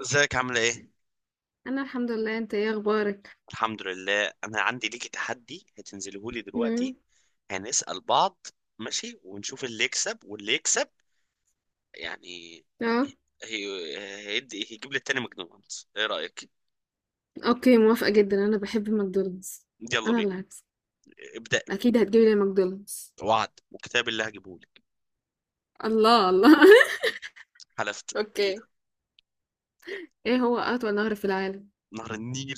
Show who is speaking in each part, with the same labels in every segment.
Speaker 1: ازيك عاملة ايه؟
Speaker 2: انا الحمد لله، انت ايه اخبارك؟
Speaker 1: الحمد لله. انا عندي ليكي تحدي هتنزله لي دلوقتي.
Speaker 2: امم.
Speaker 1: هنسأل بعض. ماشي، ونشوف اللي يكسب واللي يكسب يعني.
Speaker 2: اه.
Speaker 1: هي... هيدي هيجيب لي التاني ماكدونالدز، ايه رأيك؟
Speaker 2: اوكي، موافقة جدا، انا بحب ماكدونالدز.
Speaker 1: يلا
Speaker 2: انا
Speaker 1: بينا.
Speaker 2: اللي هكسب.
Speaker 1: ابدأ.
Speaker 2: اكيد هتجيب لي ماكدونالدز.
Speaker 1: وعد وكتاب اللي هجيبه لك.
Speaker 2: الله الله.
Speaker 1: حلفت
Speaker 2: اوكي.
Speaker 1: ي-
Speaker 2: ايه هو اطول نهر في العالم؟
Speaker 1: نهر النيل.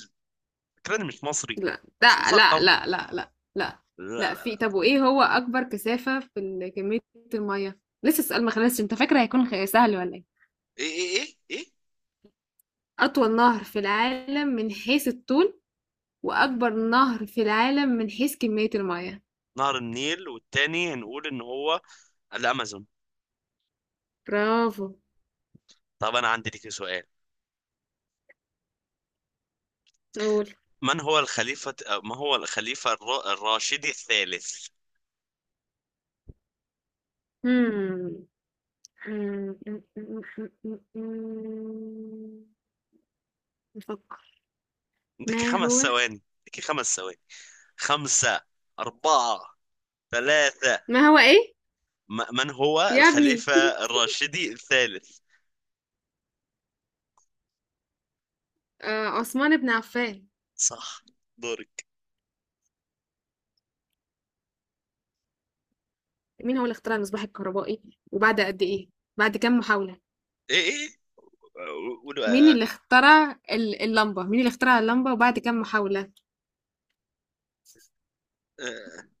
Speaker 1: فكرني مش مصري،
Speaker 2: لا،
Speaker 1: مش
Speaker 2: لا، لا،
Speaker 1: مثقف.
Speaker 2: لا، لا، لا، لا.
Speaker 1: لا لا
Speaker 2: لا، في
Speaker 1: لا لا.
Speaker 2: طب، وايه هو اكبر كثافة في كمية المية. لسه السؤال ما خلصش، انت فاكرة هيكون سهل ولا ايه؟
Speaker 1: ايه ايه ايه ايه.
Speaker 2: اطول نهر في العالم من حيث الطول، واكبر نهر في العالم من حيث كمية المية.
Speaker 1: نهر النيل، والتاني هنقول ان هو الامازون.
Speaker 2: برافو.
Speaker 1: طب انا عندي ليكي سؤال.
Speaker 2: قول.
Speaker 1: من هو الخليفة؟ ما هو الخليفة الراشدي الثالث؟
Speaker 2: مم. آمم، إمم، إمم، إمم، إمم، إمم، نفكر.
Speaker 1: عندك
Speaker 2: ما هو.
Speaker 1: خمس ثواني، عندك خمس ثواني. خمسة، أربعة، ثلاثة.
Speaker 2: ما هو إيه؟
Speaker 1: من هو
Speaker 2: يا ابني.
Speaker 1: الخليفة الراشدي الثالث؟
Speaker 2: عثمان بن عفان.
Speaker 1: صح. دورك.
Speaker 2: مين هو اللي اخترع المصباح الكهربائي وبعد قد إيه؟ بعد كام محاولة؟
Speaker 1: إيه إيه. قولوا.
Speaker 2: مين
Speaker 1: آه،
Speaker 2: اللي اخترع اللمبة؟ مين اللي اخترع اللمبة وبعد كام محاولة؟
Speaker 1: آه،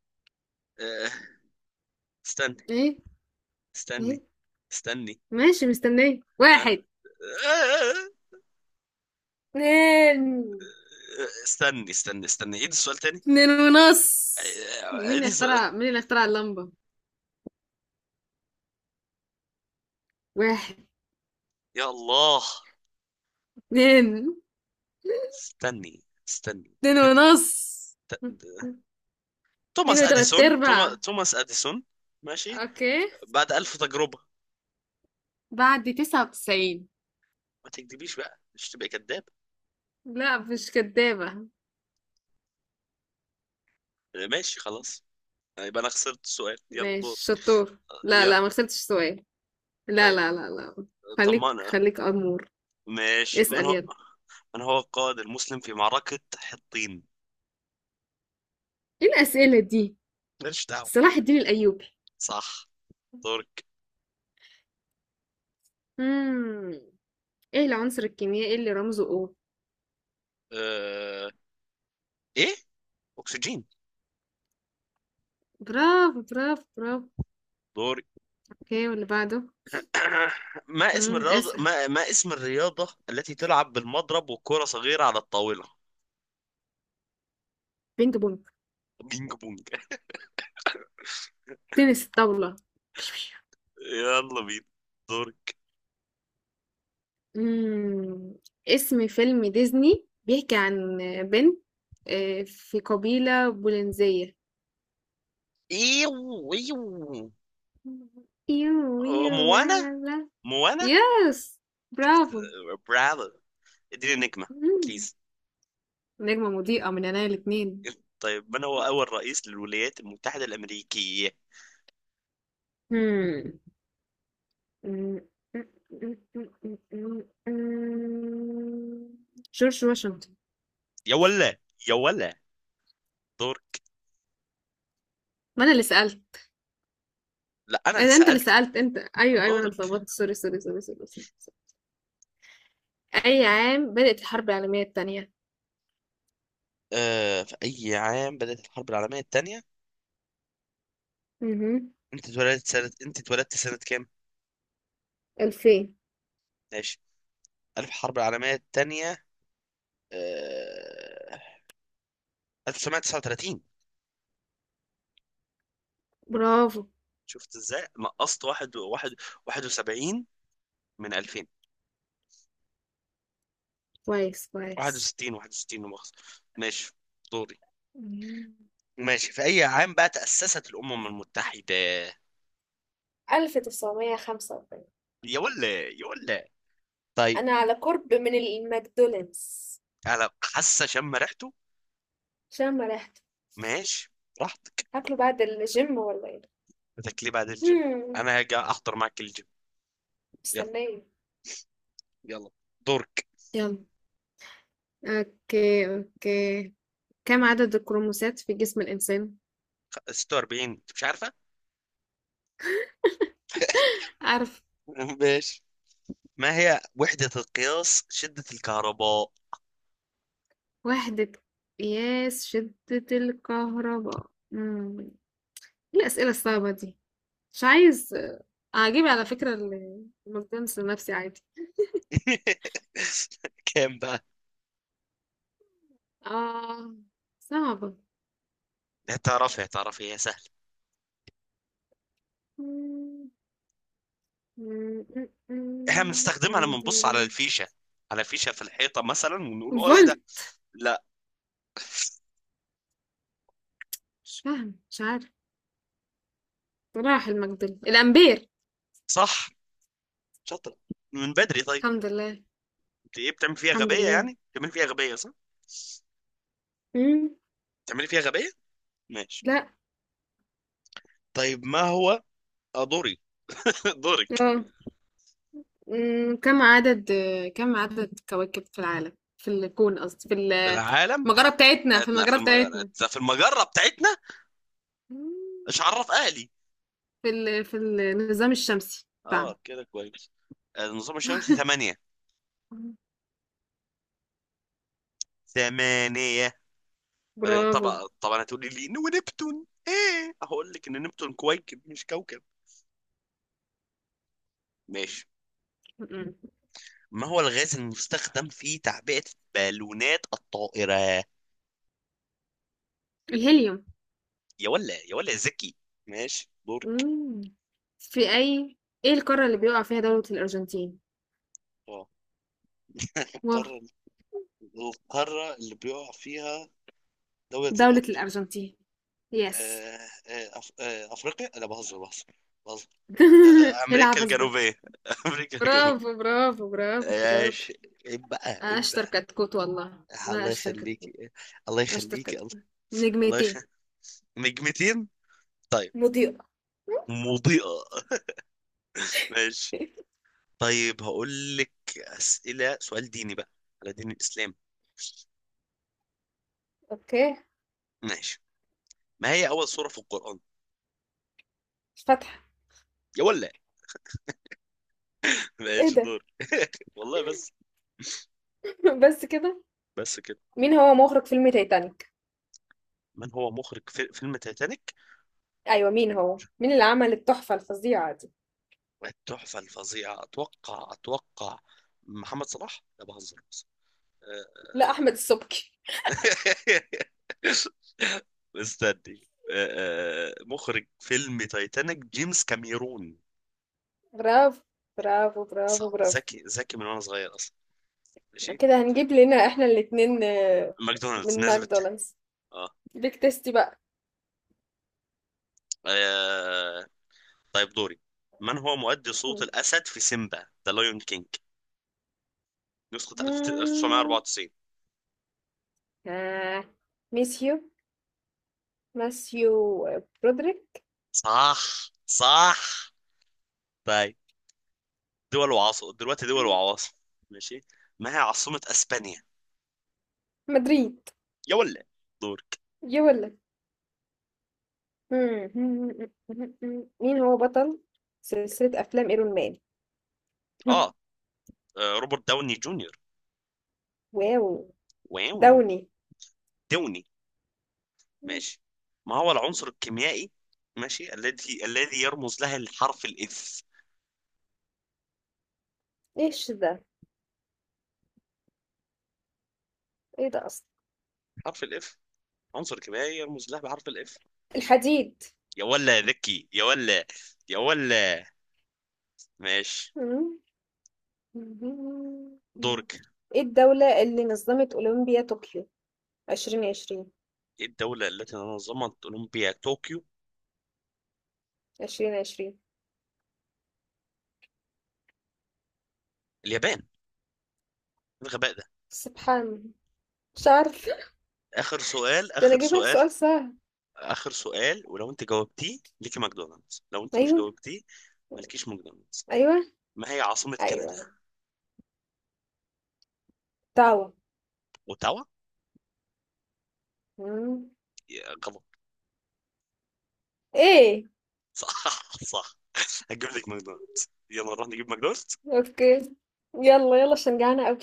Speaker 1: آه، استني
Speaker 2: إيه؟
Speaker 1: استني
Speaker 2: إيه؟
Speaker 1: استني.
Speaker 2: ماشي، مستنية.
Speaker 1: آه،
Speaker 2: 1،
Speaker 1: آه، آه،
Speaker 2: 2،
Speaker 1: استني استني استني عيد السؤال تاني.
Speaker 2: 2 ونص.
Speaker 1: عيد السؤال.
Speaker 2: مين اللي اخترع اللمبة؟ 1،
Speaker 1: يا الله.
Speaker 2: 2،
Speaker 1: استني استني.
Speaker 2: 2 ونص، اتنين
Speaker 1: توماس
Speaker 2: وتلات
Speaker 1: اديسون،
Speaker 2: ارباع.
Speaker 1: توماس اديسون. ماشي.
Speaker 2: اوكي.
Speaker 1: بعد ألف تجربة.
Speaker 2: بعد 99.
Speaker 1: ما تكذبيش بقى، مش تبقى كذاب.
Speaker 2: لا، مش كدابة.
Speaker 1: ماشي خلاص. يبقى انا خسرت السؤال، يلا دور.
Speaker 2: ماشي، شطور. لا،
Speaker 1: يلا.
Speaker 2: لا، ما خسرتش سؤال. لا،
Speaker 1: طيب.
Speaker 2: لا، لا، لا. خليك،
Speaker 1: طمانا.
Speaker 2: خليك أمور.
Speaker 1: ماشي،
Speaker 2: اسأل، يلا.
Speaker 1: من هو القائد المسلم في معركة حطين؟
Speaker 2: ايه الأسئلة دي؟
Speaker 1: ماليش دعوة.
Speaker 2: صلاح الدين الأيوبي.
Speaker 1: صح. دورك.
Speaker 2: مم. ايه العنصر الكيميائي اللي رمزه O؟
Speaker 1: أه... ايه. اكسجين.
Speaker 2: برافو، برافو، برافو.
Speaker 1: دوري.
Speaker 2: اوكي، واللي بعده. مم. اسأل.
Speaker 1: ما اسم الرياضة التي تلعب بالمضرب وكرة صغيرة على الطاولة؟
Speaker 2: بينج بونج.
Speaker 1: بينج بونج.
Speaker 2: تنس الطاولة.
Speaker 1: يلا بينا. دوري.
Speaker 2: إمم. اسم فيلم ديزني بيحكي عن بنت في قبيلة بولنزية.
Speaker 1: ايوه ايوه.
Speaker 2: يو، يو، لا،
Speaker 1: موانا.
Speaker 2: لا، لا.
Speaker 1: موانا.
Speaker 2: يس. برافو.
Speaker 1: برادر، اديني نجمة،
Speaker 2: إمم.
Speaker 1: بليز.
Speaker 2: نجمة مضيئة من عينيا الاتنين.
Speaker 1: طيب، من هو أول رئيس للولايات المتحدة الأمريكية؟
Speaker 2: همم. إمم. جورج واشنطن.
Speaker 1: يا ولا، يا ولا. دورك.
Speaker 2: ما أنا اللي سألت.
Speaker 1: لا، أنا
Speaker 2: إيه
Speaker 1: اللي
Speaker 2: ده، أنت اللي
Speaker 1: سألت.
Speaker 2: سألت، أنت. أيوه، أيوه، أنا
Speaker 1: دورك.
Speaker 2: اتلخبطت. sorry، sorry، sorry، sorry، sorry، sorry. أي عام بدأت الحرب العالمية التانية؟
Speaker 1: في أي عام بدأت الحرب العالمية الثانية؟
Speaker 2: اهم.
Speaker 1: أنت اتولدت سنة كام؟
Speaker 2: 2000.
Speaker 1: ماشي. ألف حرب العالمية الثانية. آه... 1939.
Speaker 2: برافو.
Speaker 1: شفت ازاي نقصت واحد واحد. 71 من 2000.
Speaker 2: كويس، كويس.
Speaker 1: 61، 61 لا مؤاخذة. ماشي. دوري.
Speaker 2: مم.
Speaker 1: ماشي، في أي عام بقى تأسست الأمم المتحدة؟
Speaker 2: 1945.
Speaker 1: يا ولا، يا ولا. طيب.
Speaker 2: أنا على قرب من الماكدونالدز.
Speaker 1: انا حاسه شم ريحته.
Speaker 2: عشان ما رحت.
Speaker 1: ماشي، براحتك.
Speaker 2: هاكله بعد الجيم ولا إيه؟
Speaker 1: بدك ليه بعد الجيم؟
Speaker 2: مم.
Speaker 1: انا هاجي احضر معك الجيم. يلا.
Speaker 2: مستنية.
Speaker 1: يلا. دورك.
Speaker 2: يلا. اوكي، اوكي. كم عدد الكروموسات في جسم الإنسان؟
Speaker 1: 46، انت مش عارفه.
Speaker 2: أعرف.
Speaker 1: ماشي. ما هي وحدة القياس شدة الكهرباء؟
Speaker 2: وحدة قياس شدة الكهرباء. مم. إيه الأسئلة الصعبة دي؟ مش عايز أجيب. على فكرة، الماكدونالدز لنفسي عادي.
Speaker 1: كام بقى؟
Speaker 2: آه، صعبة.
Speaker 1: هتعرفي هتعرفي هي سهله. احنا بنستخدمها لما بنبص على الفيشه، على فيشه في الحيطه مثلا، ونقول اه ايه ده.
Speaker 2: الفولت.
Speaker 1: لا.
Speaker 2: مش فاهم، مش عارف. راح المجدل، الامبير.
Speaker 1: صح. شاطرة، من بدري. طيب،
Speaker 2: الحمد لله.
Speaker 1: انت ايه بتعمل فيها
Speaker 2: الحمد
Speaker 1: غبية؟
Speaker 2: لله.
Speaker 1: يعني بتعمل فيها غبية، صح؟
Speaker 2: مم.
Speaker 1: بتعملي فيها غبية. ماشي.
Speaker 2: لا.
Speaker 1: طيب، ما هو. دوري. دورك.
Speaker 2: اه. مم. كم عدد كواكب في العالم، في الكون قصدي،
Speaker 1: في العالم.
Speaker 2: في
Speaker 1: احنا
Speaker 2: المجرة بتاعتنا.
Speaker 1: في المجرة بتاعتنا. مش
Speaker 2: مم.
Speaker 1: عرف اهلي.
Speaker 2: في النظام الشمسي بتاعنا.
Speaker 1: اه، كده كويس. النظام الشمسي ثمانية.
Speaker 2: مم.
Speaker 1: ثمانية. بعدين
Speaker 2: برافو.
Speaker 1: طبعا طبعا هتقولي لي إن ونبتون ايه، هقول لك ان نبتون كويكب مش كوكب. ماشي.
Speaker 2: مم.
Speaker 1: ما هو الغاز المستخدم في تعبئة بالونات الطائرة؟
Speaker 2: الهيليوم.
Speaker 1: يا ولا، يا ولا ذكي. ماشي، دورك.
Speaker 2: مم. في اي ايه القارة اللي بيقع فيها دولة الأرجنتين؟
Speaker 1: اه.
Speaker 2: واه!
Speaker 1: القارة. القارة اللي بيقع فيها دولة
Speaker 2: دولة
Speaker 1: الأرض.
Speaker 2: الأرجنتين. يس.
Speaker 1: آه آه أف... آه أفريقيا. لا، بهزر بهزر بهزر.
Speaker 2: إيه
Speaker 1: امريكا
Speaker 2: العبث ده؟
Speaker 1: الجنوبيه. امريكا الجنوبيه.
Speaker 2: برافو، برافو، برافو، برافو.
Speaker 1: ماشي. عيب بقى، عيب
Speaker 2: أشطر
Speaker 1: بقى.
Speaker 2: كتكوت، والله، والله،
Speaker 1: الله
Speaker 2: أشطر كتكوت.
Speaker 1: يخليكي. الله
Speaker 2: أشطر
Speaker 1: يخليكي الله.
Speaker 2: كتكوت.
Speaker 1: الله يخ...
Speaker 2: نجمتين.
Speaker 1: نجمتين. طيب.
Speaker 2: مضيئة.
Speaker 1: مضيئة. ماشي. طيب، هقول لك أسئلة سؤال ديني بقى، على دين الإسلام.
Speaker 2: اوكي.
Speaker 1: ماشي. ما هي أول سورة في القرآن؟
Speaker 2: مش فاتحة؟
Speaker 1: يا ولا.
Speaker 2: ايه
Speaker 1: ماشي،
Speaker 2: ده؟
Speaker 1: دور. والله بس.
Speaker 2: بس كده.
Speaker 1: بس كده.
Speaker 2: مين هو مخرج فيلم تايتانيك؟
Speaker 1: من هو مخرج في فيلم تايتانيك؟
Speaker 2: ايوه، مين اللي عمل التحفة الفظيعة دي؟
Speaker 1: والتحفة الفظيعة أتوقع أتوقع محمد صلاح، لا بهزر بس.
Speaker 2: لا، احمد السبكي.
Speaker 1: استني. مخرج فيلم تايتانيك جيمس كاميرون.
Speaker 2: برافو، برافو، برافو،
Speaker 1: صح،
Speaker 2: برافو.
Speaker 1: ذكي ذكي من وأنا صغير أصلا. ماشي.
Speaker 2: كده هنجيب لنا احنا الاتنين
Speaker 1: ماكدونالدز
Speaker 2: من
Speaker 1: ناسبت.
Speaker 2: ماكدونالدز.
Speaker 1: اه.
Speaker 2: بيك تيستي بقى.
Speaker 1: آه، طيب، دوري. من هو مؤدي صوت الأسد في سيمبا ذا لايون كينج، نسخة 1994؟
Speaker 2: آه. ميسيو ماسيو. برودريك.
Speaker 1: صح، صح. طيب، دول وعاصم دلوقتي دول وعواصم. ماشي. ما هي عاصمة اسبانيا؟
Speaker 2: مدريد.
Speaker 1: يا ولا. دورك.
Speaker 2: يقول لك. مين هو بطل سلسلة أفلام إيرون مان؟
Speaker 1: اه. روبرت داوني جونيور.
Speaker 2: واو.
Speaker 1: واو.
Speaker 2: داوني.
Speaker 1: داوني. ماشي. ما هو العنصر الكيميائي، ماشي، الذي يرمز له الحرف الاف؟
Speaker 2: إيش ده؟ إيه ده أصلا؟
Speaker 1: حرف الاف، عنصر كيميائي يرمز له بحرف الاف.
Speaker 2: الحديد.
Speaker 1: يا ولا ذكي، يا ولا، يا ولا. ماشي،
Speaker 2: مم.
Speaker 1: دورك.
Speaker 2: إيه الدولة اللي نظمت أولمبيا طوكيو؟ 2020.
Speaker 1: ايه الدولة التي نظمت اولمبيا طوكيو؟
Speaker 2: 2020.
Speaker 1: اليابان. إيه الغباء ده.
Speaker 2: سبحان. مش عارفة.
Speaker 1: اخر سؤال،
Speaker 2: ده أنا
Speaker 1: اخر
Speaker 2: أجيب لك
Speaker 1: سؤال.
Speaker 2: سؤال سهل.
Speaker 1: اخر سؤال، ولو انت جاوبتيه ليكي ماكدونالدز، لو انت مش
Speaker 2: أيوه،
Speaker 1: جاوبتيه مالكيش ماكدونالدز.
Speaker 2: أيوه،
Speaker 1: ما هي عاصمة كندا؟
Speaker 2: أيوه.
Speaker 1: اوتاوا.
Speaker 2: دعوة.
Speaker 1: يا غلط.
Speaker 2: ايه؟
Speaker 1: صح، صح. هتجيب لك ماكدونالدز، يلا نروح نجيب ماكدونالدز.
Speaker 2: اوكي. يلا، يلا، عشان جعانة اوي.